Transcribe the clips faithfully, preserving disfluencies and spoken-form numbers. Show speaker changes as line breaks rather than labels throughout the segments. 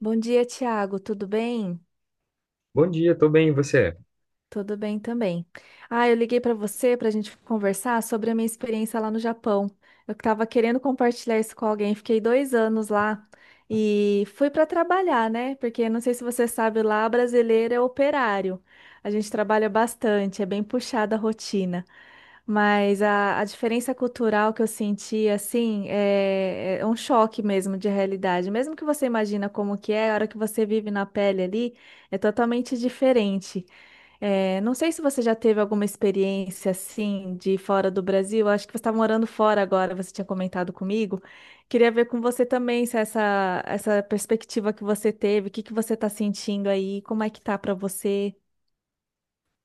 Bom dia, Tiago. Tudo bem?
Bom dia, tô bem, e você?
Tudo bem também. Ah, eu liguei para você para a gente conversar sobre a minha experiência lá no Japão. Eu estava querendo compartilhar isso com alguém. Fiquei dois anos lá e fui para trabalhar, né? Porque não sei se você sabe, lá brasileiro é operário. A gente trabalha bastante, é bem puxada a rotina. Mas a, a diferença cultural que eu senti, assim, é, é um choque mesmo de realidade. Mesmo que você imagina como que é, a hora que você vive na pele ali, é totalmente diferente. É, não sei se você já teve alguma experiência assim de fora do Brasil. Acho que você está morando fora agora, você tinha comentado comigo. Queria ver com você também se essa, essa perspectiva que você teve, o que que você está sentindo aí, como é que tá para você?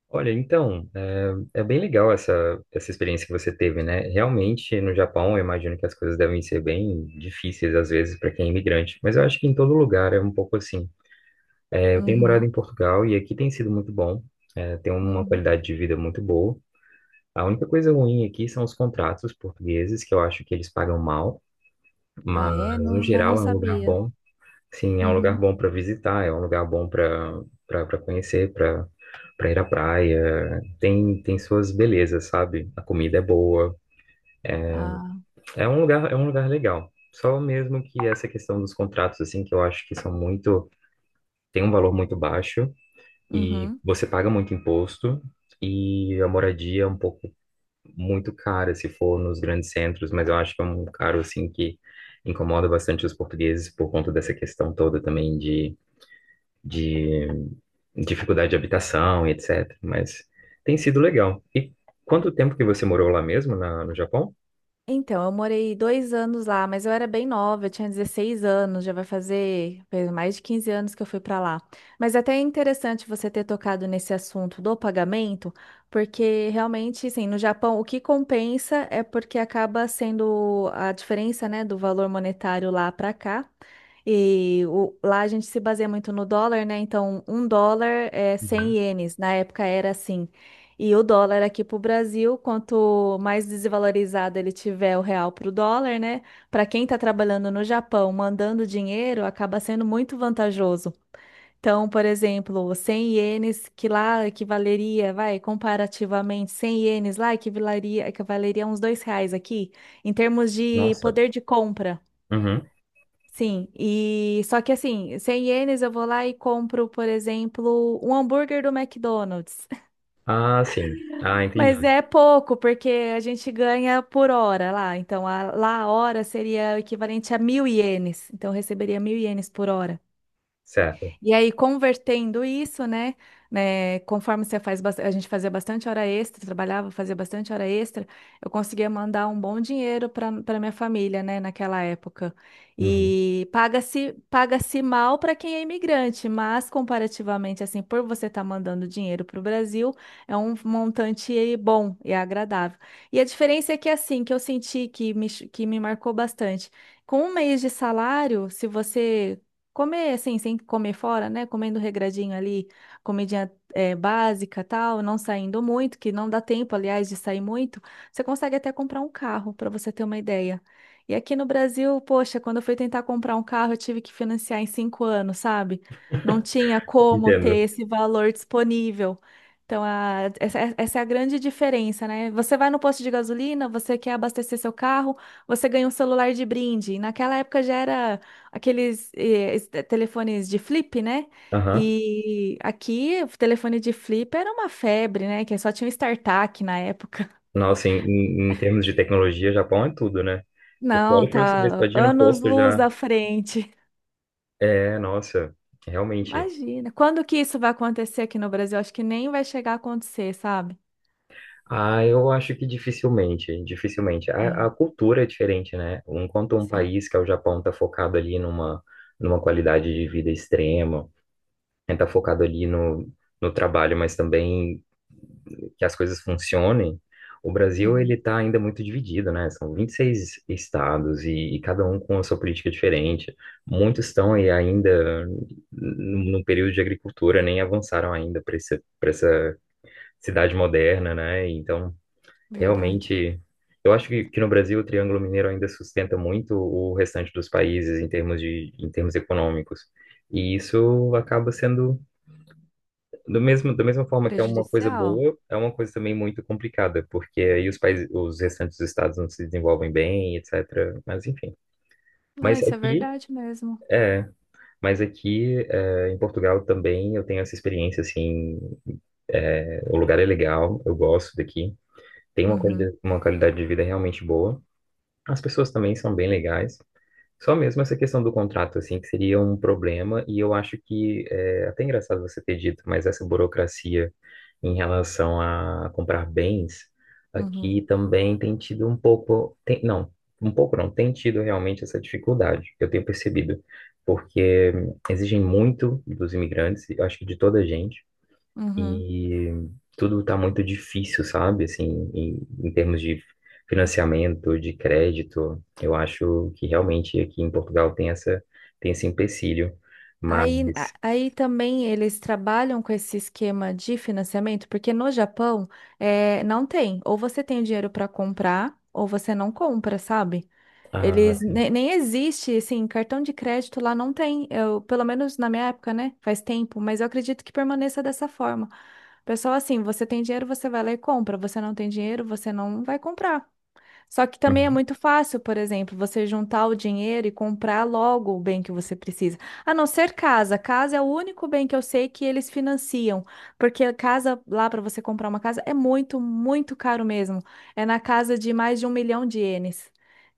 Olha, então, é, é bem legal essa, essa experiência que você teve, né? Realmente, no Japão, eu imagino que as coisas devem ser bem difíceis, às vezes, para quem é imigrante, mas eu acho que em todo lugar é um pouco assim. É, eu tenho morado
Uhum,
em Portugal e aqui tem sido muito bom, é, tem uma
uhum.
qualidade de vida muito boa. A única coisa ruim aqui são os contratos portugueses, que eu acho que eles pagam mal,
Ah,
mas,
é?
no
Não, mas
geral,
não
é um lugar
sabia.
bom. Sim, é um lugar
Uhum.
bom para visitar, é um lugar bom para para conhecer, para para ir à praia. Tem tem suas belezas, sabe? A comida é boa.
Ah,
É um lugar, é um lugar legal. Só mesmo que essa questão dos contratos assim, que eu acho que são muito, tem um valor muito baixo e
uhum.
você paga muito imposto e a moradia é um pouco muito cara se for nos grandes centros, mas eu acho que é um caro assim que incomoda bastante os portugueses por conta dessa questão toda também de de dificuldade de habitação e etcétera. Mas tem sido legal. E quanto tempo que você morou lá mesmo, na- no Japão?
Então, eu morei dois anos lá, mas eu era bem nova, eu tinha dezesseis anos, já vai fazer fez mais de quinze anos que eu fui para lá. Mas até é interessante você ter tocado nesse assunto do pagamento, porque realmente, assim, no Japão o que compensa é porque acaba sendo a diferença, né, do valor monetário lá para cá. E o- lá a gente se baseia muito no dólar, né? Então, um dólar é cem
Uhum.
ienes. Na época era assim. E o dólar aqui para o Brasil, quanto mais desvalorizado ele tiver o real para o dólar, né? Para quem está trabalhando no Japão, mandando dinheiro, acaba sendo muito vantajoso. Então, por exemplo, 100 ienes que lá equivaleria, vai, comparativamente, 100 ienes lá equivaleria, equivaleria a uns dois reais aqui, em termos de
Nossa.
poder de compra.
Uhum.
Sim, e só que assim, 100 ienes eu vou lá e compro, por exemplo, um hambúrguer do McDonald's.
Ah, sim. Ah,
Mas
entendi.
é pouco, porque a gente ganha por hora lá. Então, a- lá a hora seria o equivalente a mil ienes. Então, eu receberia mil ienes por hora.
Certo.
E aí, convertendo isso, né, né, conforme você faz, bas- a gente fazia bastante hora extra, trabalhava, fazia bastante hora extra, eu conseguia mandar um bom dinheiro para para minha família, né, naquela época.
Uhum.
E paga-se paga-se mal para quem é imigrante, mas comparativamente, assim, por você estar mandando dinheiro para o Brasil, é um montante aí bom e agradável. E a diferença é que, assim, que eu senti que me, ch- que me marcou bastante. Com um mês de salário, se você comer, assim, sem comer fora, né? Comendo regradinho ali, comidinha eh, básica, tal, não saindo muito, que não dá tempo, aliás, de sair muito. Você consegue até comprar um carro, para você ter uma ideia. E aqui no Brasil, poxa, quando eu fui tentar comprar um carro, eu tive que financiar em cinco anos, sabe? Não tinha como ter
Entendo.
esse valor disponível. Então, a- essa, essa é a grande diferença, né? Você vai no posto de gasolina, você quer abastecer seu carro, você ganha um celular de brinde. E naquela época já era aqueles eh, es- telefones de flip, né?
Aham.
E aqui o telefone de flip era uma febre, né? Que só tinha um StarTAC na época.
Nossa, em, em em termos de tecnologia, Japão é tudo, né? Porque
Não,
olha pra você ver, você tá
tá
ir no posto
anos-luz
já.
à frente.
É, nossa, realmente.
Imagina. Quando que isso vai acontecer aqui no Brasil? Acho que nem vai chegar a acontecer, sabe?
Ah, eu acho que dificilmente, dificilmente. A, a
Sim,
cultura é diferente, né? Enquanto um
sim.
país, que é o Japão, está focado ali numa, numa qualidade de vida extrema, está focado ali no, no trabalho, mas também que as coisas funcionem, o Brasil, ele
Uhum.
está ainda muito dividido, né? São vinte e seis estados e, e cada um com a sua política diferente. Muitos estão aí ainda no período de agricultura, nem avançaram ainda para essa, para essa cidade moderna, né? Então,
Verdade.
realmente, eu acho que, que no Brasil o Triângulo Mineiro ainda sustenta muito o restante dos países em termos de, em termos econômicos. E isso acaba sendo, do mesmo, da mesma forma que é uma coisa
Prejudicial?
boa, é uma coisa também muito complicada, porque aí os países, os restantes estados não se desenvolvem bem, etcétera. Mas enfim.
Não,
Mas
isso é
aqui,
verdade mesmo.
é, mas aqui é, em Portugal também eu tenho essa experiência, assim, é, o lugar é legal, eu gosto daqui, tem uma
Uhum,
qualidade, uma qualidade de vida realmente boa. As pessoas também são bem legais. Só mesmo essa questão do contrato, assim, que seria um problema, e eu acho que é até engraçado você ter dito, mas essa burocracia em relação a comprar bens,
uhum,
aqui também tem tido um pouco, tem, não, um pouco não, tem tido realmente essa dificuldade, eu tenho percebido, porque hum, exigem muito dos imigrantes, eu acho que de toda a gente,
uhum.
e tudo tá muito difícil, sabe? Assim, em, em termos de financiamento, de crédito, eu acho que realmente aqui em Portugal tem essa, tem esse empecilho, mas,
Aí, a- aí também eles trabalham com esse esquema de financiamento, porque no Japão é, não tem. Ou você tem o dinheiro para comprar, ou você não compra, sabe?
ah,
Eles ne-
sim,
nem existe, assim, cartão de crédito lá não tem. Eu, pelo menos na minha época, né? Faz tempo, mas eu acredito que permaneça dessa forma. Pessoal, assim, você tem dinheiro, você vai lá e compra. Você não tem dinheiro, você não vai comprar. Só que também é
uhum,
muito fácil, por exemplo, você juntar o dinheiro e comprar logo o bem que você precisa. A não ser casa. Casa é o único bem que eu sei que eles financiam, porque a casa lá para você comprar uma casa é muito, muito caro mesmo. É na casa de mais de um milhão de ienes.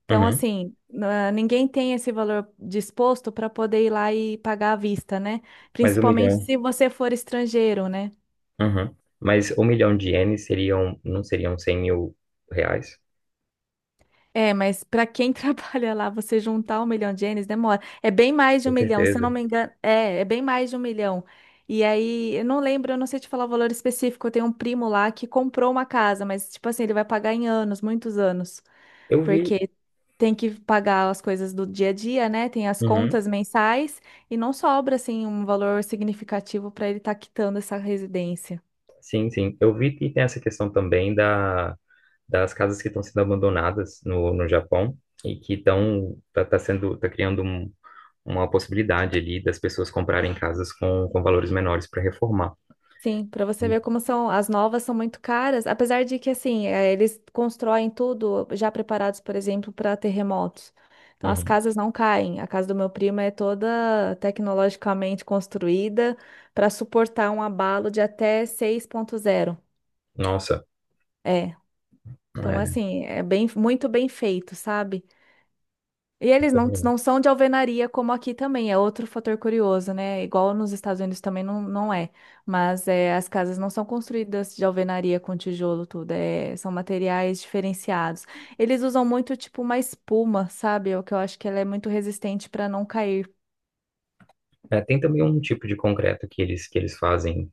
Então,
uhum,
assim, na- ninguém tem esse valor disposto para poder ir lá e pagar à vista, né?
mas um
Principalmente
milhão,
se você for estrangeiro, né?
uhum, mas um milhão de ienes seriam, não seriam cem mil reais?
É, mas para quem trabalha lá, você juntar um milhão de ienes demora. É bem mais de um
Com
milhão, se eu não
certeza.
me engano. É, é bem mais de um milhão. E aí, eu não lembro, eu não sei te falar o valor específico. Eu tenho um primo lá que comprou uma casa, mas, tipo assim, ele vai pagar em anos, muitos anos.
Eu vi,
Porque tem que pagar as coisas do dia a dia, né? Tem as
uhum,
contas mensais e não sobra, assim, um valor significativo para ele estar quitando essa residência.
sim, sim, eu vi que tem essa questão também da das casas que estão sendo abandonadas no, no Japão e que estão tá, tá sendo tá criando um, uma possibilidade ali das pessoas comprarem casas com, com valores menores para reformar.
Sim, para você ver como são, as novas são muito caras, apesar de que assim, eh, eles constroem tudo já preparados, por exemplo, para terremotos. Então as
Uhum.
casas não caem. A casa do meu primo é toda tecnologicamente construída para suportar um abalo de até seis ponto zero.
Nossa,
É. Então
é,
assim, é bem muito bem feito, sabe? E eles não, não são de alvenaria como aqui também, é outro fator curioso, né? Igual nos Estados Unidos também não, não é. Mas é, as casas não são construídas de alvenaria com tijolo, tudo. É, são materiais diferenciados. Eles usam muito, tipo, uma espuma, sabe? O que eu acho que ela é muito resistente para não cair.
é, tem também um tipo de concreto que eles que eles fazem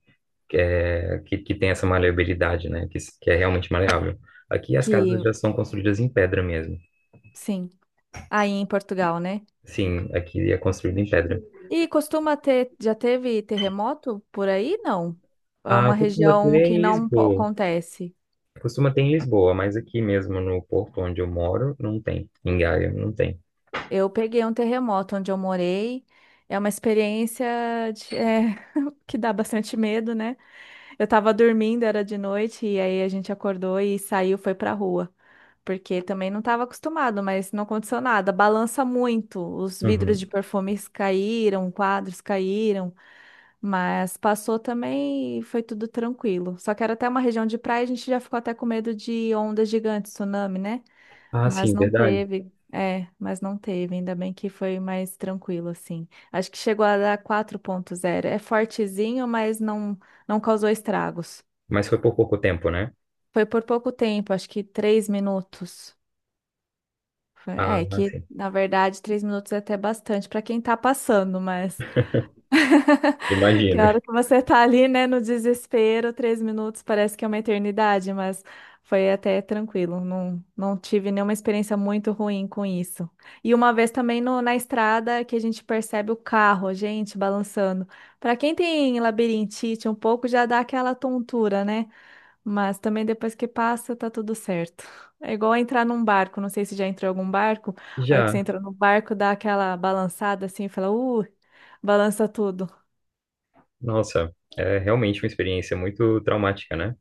que, é, que, que tem essa maleabilidade, né? Que, que é realmente maleável. Aqui as casas
Que,
já são construídas em pedra mesmo.
sim, aí em Portugal, né?
Sim, aqui é construído em pedra.
E costuma ter, já teve terremoto por aí? Não. É
Ah,
uma
costuma ter
região que
em
não po-
Lisboa.
acontece.
Costuma ter em Lisboa, mas aqui mesmo no Porto onde eu moro, não tem. Em Gaia, não tem.
Eu peguei um terremoto onde eu morei. É uma experiência de- é, que dá bastante medo, né? Eu tava dormindo, era de noite, e aí a gente acordou e saiu, foi pra rua. Porque também não estava acostumado, mas não aconteceu nada. Balança muito, os vidros de
Uhum.
perfumes caíram, quadros caíram, mas passou também e foi tudo tranquilo. Só que era até uma região de praia, a gente já ficou até com medo de ondas gigantes, tsunami, né?
Ah,
Mas
sim,
não
verdade.
teve. É, mas não teve. Ainda bem que foi mais tranquilo, assim. Acho que chegou a dar quatro ponto zero. É fortezinho, mas não, não causou estragos.
Mas foi por pouco tempo, né?
Foi por pouco tempo, acho que três minutos. Foi-
Ah,
É,
ah,
que
sim.
na verdade três minutos é até bastante para quem tá passando, mas que
Imagino.
a hora que você tá ali, né, no desespero, três minutos parece que é uma eternidade, mas foi até tranquilo. Não, não tive nenhuma experiência muito ruim com isso. E uma vez também no- na estrada que a gente percebe o carro, gente, balançando. Para quem tem labirintite, um pouco já dá aquela tontura, né? Mas também depois que passa, tá tudo certo. É igual entrar num barco, não sei se já entrou em algum barco. A hora que você
Já.
entra no barco, dá aquela balançada assim, fala, uh, balança tudo.
Nossa, é realmente uma experiência muito traumática, né?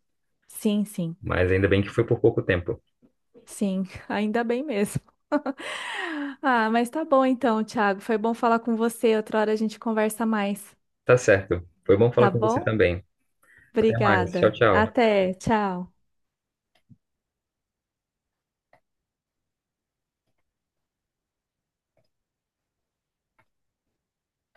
Sim, sim,
Mas ainda bem que foi por pouco tempo.
sim, ainda bem mesmo. Ah, mas tá bom então, Thiago. Foi bom falar com você. Outra hora a gente conversa mais,
Tá certo. Foi bom falar
tá
com você
bom?
também. Até mais. Tchau,
Obrigada.
tchau.
Até, tchau.